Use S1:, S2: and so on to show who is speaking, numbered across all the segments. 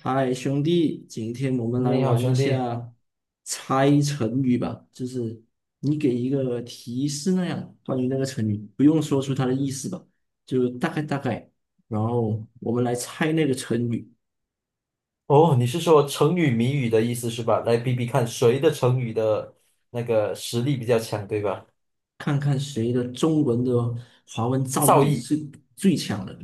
S1: 嗨，兄弟，今天我们来
S2: 你好，
S1: 玩一
S2: 兄弟。
S1: 下猜成语吧，就是你给一个提示那样，关于那个成语，不用说出它的意思吧，就大概大概，然后我们来猜那个成语，
S2: 哦，你是说成语谜语的意思是吧？来比比看谁的成语的那个实力比较强，对吧？
S1: 看看谁的中文的华文造
S2: 造
S1: 诣
S2: 诣，
S1: 是最强的。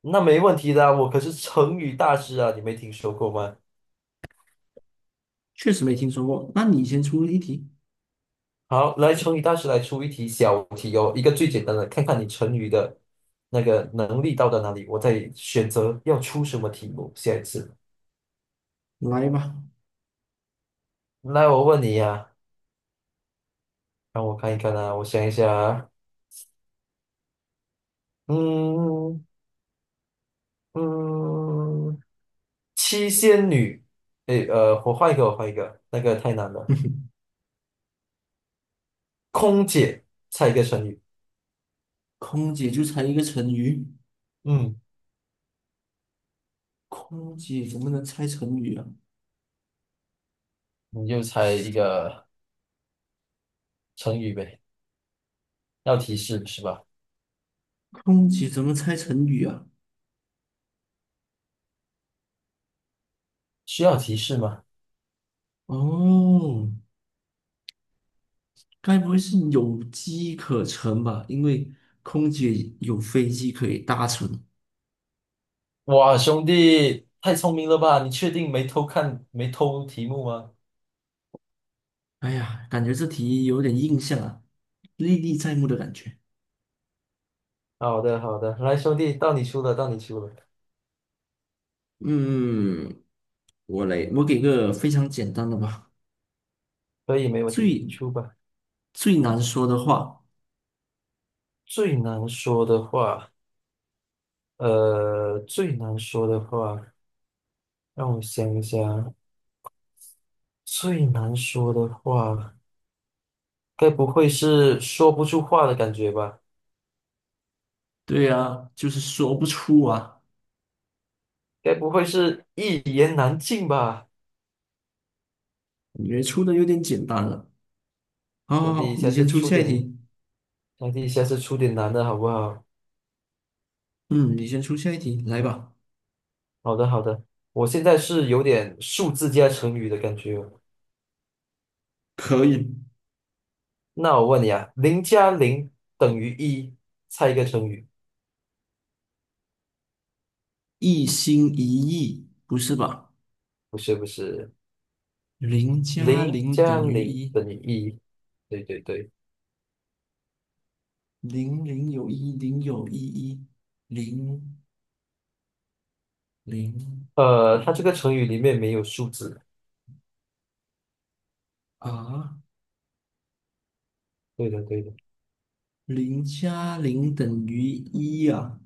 S2: 那没问题的啊我可是成语大师啊，你没听说过吗？
S1: 确实没听说过，那你先出一题，
S2: 好，来，成语大师来出一题小题哦，一个最简单的，看看你成语的那个能力到达哪里，我再选择要出什么题目。下一次，
S1: 来吧。
S2: 来，我问你呀、让我看一看啊，我想一下啊，嗯嗯。七仙女，诶，我换一个，我换一个，那个太难了。空姐，猜一个成语。
S1: 空姐就猜一个成语，
S2: 嗯，
S1: 空姐怎么能猜成语啊？
S2: 你就猜一个成语呗，要提示是吧？
S1: 空姐怎么猜成语啊？
S2: 需要提示吗？
S1: 哦，该不会是有机可乘吧？因为空姐有飞机可以搭乘。
S2: 哇，兄弟，太聪明了吧？你确定没偷看，没偷题目吗？
S1: 哎呀，感觉这题有点印象啊，历历在目的感觉。
S2: 好的，好的，来，兄弟，到你出了，到你出了，
S1: 嗯，我来，我给个非常简单的吧，
S2: 可以，没问题，你
S1: 最
S2: 出吧。
S1: 最难说的话，
S2: 最难说的话，最难说的话，让我想一想，最难说的话。该不会是说不出话的感觉吧？
S1: 对啊，就是说不出啊，
S2: 该不会是一言难尽吧？
S1: 感觉出的有点简单了。好好
S2: 兄弟，
S1: 好，你
S2: 下
S1: 先
S2: 次
S1: 出
S2: 出
S1: 下一
S2: 点，
S1: 题。
S2: 兄弟，下次出点难的好不好？
S1: 嗯，你先出下一题，来吧。
S2: 好的，好的。我现在是有点数字加成语的感觉哦。
S1: 可以，
S2: 那我问你啊，零加零等于一，猜一个成语。
S1: 一心一意，不是吧？
S2: 不是不是，
S1: 零加
S2: 零
S1: 零
S2: 加
S1: 等于
S2: 零
S1: 一，
S2: 等于一。对对对，
S1: 零零有一，零有一一，零零
S2: 它这
S1: 一
S2: 个成语里面没有数字。
S1: 啊，
S2: 对的对的
S1: 零加零等于一啊，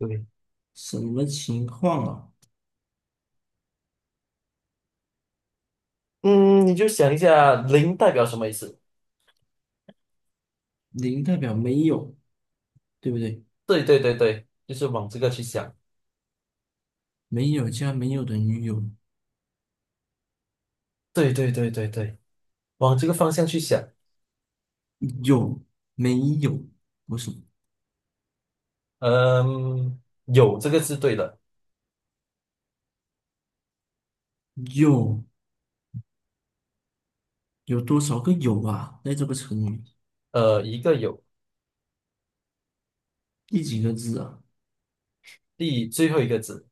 S2: 对。
S1: 什么情况啊？
S2: 嗯，你就想一下，零代表什么意思？
S1: 零代表没有，对不对？
S2: 对对对对，就是往这个去想，
S1: 没有加没有等于有，
S2: 对对对对对，往这个方向去想，
S1: 有没有？不是
S2: 嗯，有这个字对的，
S1: 有有多少个有啊？在这个成语
S2: 一个有，
S1: 第几个字啊？
S2: 第最后一个字，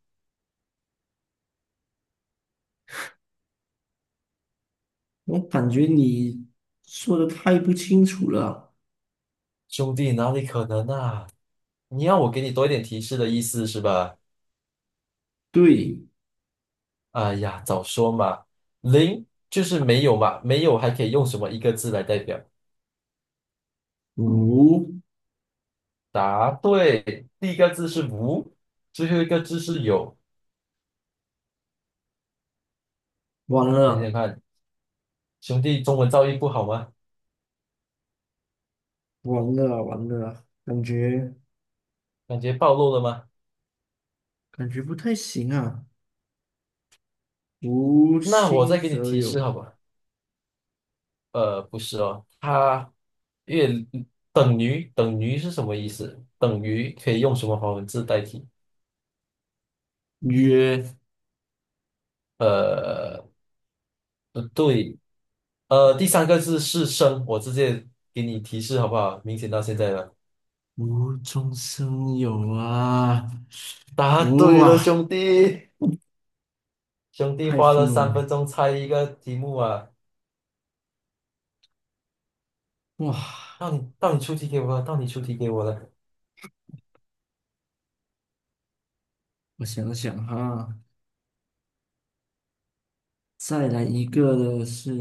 S1: 我感觉你说的太不清楚了。
S2: 兄弟哪里可能啊？你要我给你多一点提示的意思是吧？
S1: 对，
S2: 哎呀，早说嘛，零就是没有嘛，没有还可以用什么一个字来代表？
S1: 五，
S2: 答对，第一个字是无，最后一个字是有，
S1: 完
S2: 想想
S1: 了，
S2: 看，兄弟中文造诣不好吗？
S1: 完了，完了，感觉
S2: 感觉暴露了吗？
S1: 感觉不太行啊。无
S2: 那我
S1: 心
S2: 再给你
S1: 则
S2: 提示
S1: 有，
S2: 好吧。不是哦，它越等于是什么意思？等于可以用什么华文字代替？
S1: 曰
S2: 呃，不对，第三个字是生，我直接给你提示好不好？明显到现在了，
S1: 无中生有啊！
S2: 答对了，
S1: 哇，
S2: 兄弟，兄弟
S1: 太
S2: 花了
S1: 愤怒了！
S2: 3分钟猜一个题目啊，
S1: 哇，
S2: 到你出题给我了，到你出题给我了，
S1: 我想想哈，再来一个的是，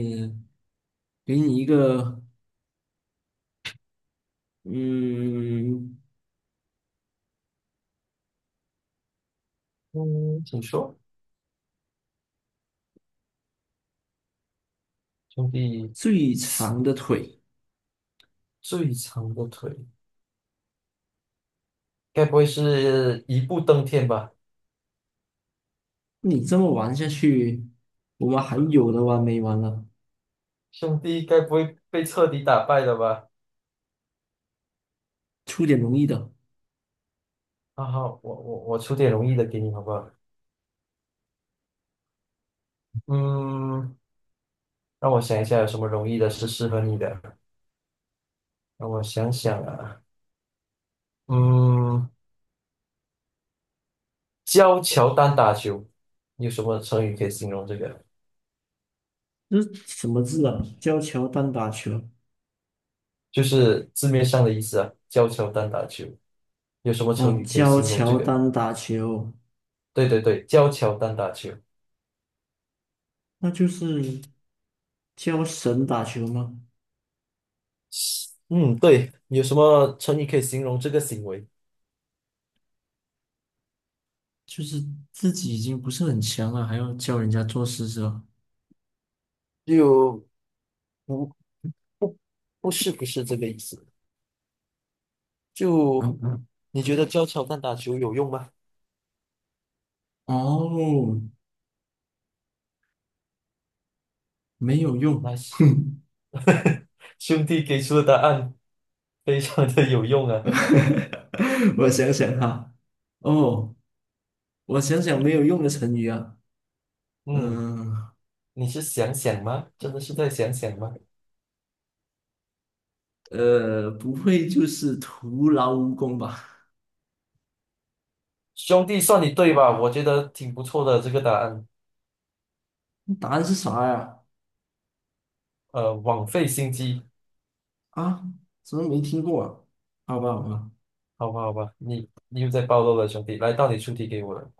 S1: 给你一个，嗯，
S2: 嗯，请说，兄弟，
S1: 最长的腿。
S2: 最长的腿，该不会是一步登天吧？
S1: 你这么玩下去，我们还有的玩没完了？
S2: 兄弟该不会被彻底打败了吧？
S1: 出点容易的。
S2: 啊好，我出点容易的给你，好不好？嗯，让我想一下有什么容易的是适合你的。让我想想啊，嗯，教乔丹打球，有什么成语可以形容这个？
S1: 这是什么字啊？教乔丹打球
S2: 就是字面上的意思啊，教乔丹打球，有什么
S1: 哦，
S2: 成语可以
S1: 教
S2: 形容这
S1: 乔
S2: 个？
S1: 丹打球，
S2: 对对对，教乔丹打球。
S1: 那就是教神打球吗？
S2: 嗯，对，有什么成语可以形容这个行为？
S1: 就是自己已经不是很强了，还要教人家做事是吧？
S2: 就不不不是不是这个意思。就你觉得教乔丹打球有用吗？
S1: 哦，没有
S2: n
S1: 用，
S2: i c e
S1: 哼，
S2: 兄弟给出的答案非常的有用啊。
S1: 我想想哈，哦，我想想没有用的成语啊，
S2: 嗯，
S1: 嗯，
S2: 你是想想吗？真的是在想想吗？
S1: 不会就是徒劳无功吧？
S2: 兄弟，算你对吧？我觉得挺不错的这个答案。
S1: 答案是啥呀？
S2: 枉费心机，
S1: 啊，怎么没听过啊？好吧，好吧。
S2: 好吧，好吧，你又在暴露了，兄弟。来，到你出题给我了。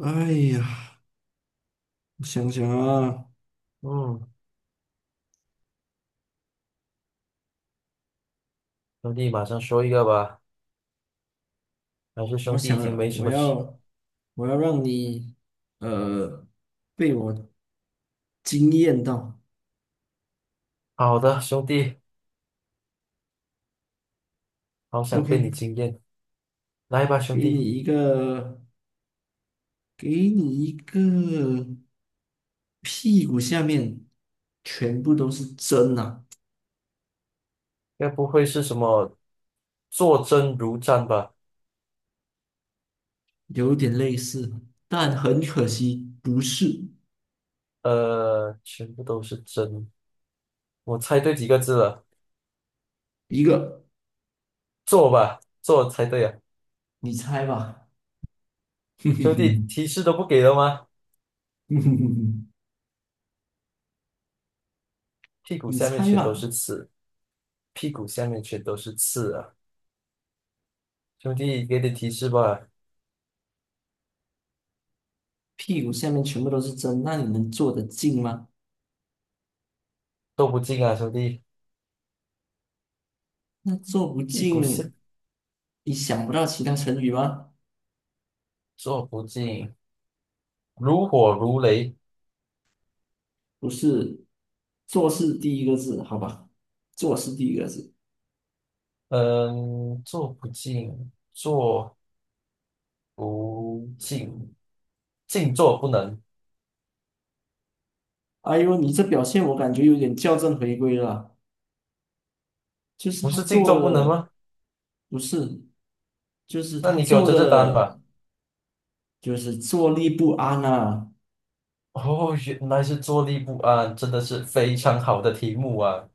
S1: 哎呀，我想想啊，
S2: 嗯，兄弟，马上说一个吧。还是
S1: 我
S2: 兄弟已
S1: 想
S2: 经没什
S1: 我
S2: 么吃
S1: 要我要让你呃被我惊艳到。
S2: 好的，兄弟，好想被
S1: OK，
S2: 你惊艳。来吧，兄
S1: 给你
S2: 弟。
S1: 一个给你一个屁股下面全部都是针啊，
S2: 该不会是什么坐针如毡吧？
S1: 有点类似，但很可惜不是
S2: 全部都是针，我猜对几个字了？
S1: 一个。
S2: 坐吧，坐猜对啊！
S1: 你猜吧，哼哼
S2: 兄弟，
S1: 哼，
S2: 提示都不给了吗？
S1: 哼哼哼哼，
S2: 屁股
S1: 你
S2: 下面
S1: 猜
S2: 全都
S1: 吧，
S2: 是刺，屁股下面全都是刺啊！兄弟，给点提示吧，
S1: 屁股下面全部都是针，那你能坐得进吗？
S2: 都不进啊，兄弟，
S1: 那坐不
S2: 屁股下
S1: 进，你想不到其他成语吗？
S2: 坐不进，如火如雷，
S1: 不是，做事第一个字，好吧？做事第一个字。
S2: 嗯，坐不进，坐不进，静坐不能，
S1: 哎呦，你这表现我感觉有点校正回归了，就是
S2: 不
S1: 他
S2: 是静
S1: 做
S2: 坐不能
S1: 的
S2: 吗？
S1: 不是，就是
S2: 那
S1: 他
S2: 你给我
S1: 做
S2: 这单吧。
S1: 的就是坐立不安啊，
S2: 哦，原来是坐立不安，真的是非常好的题目啊！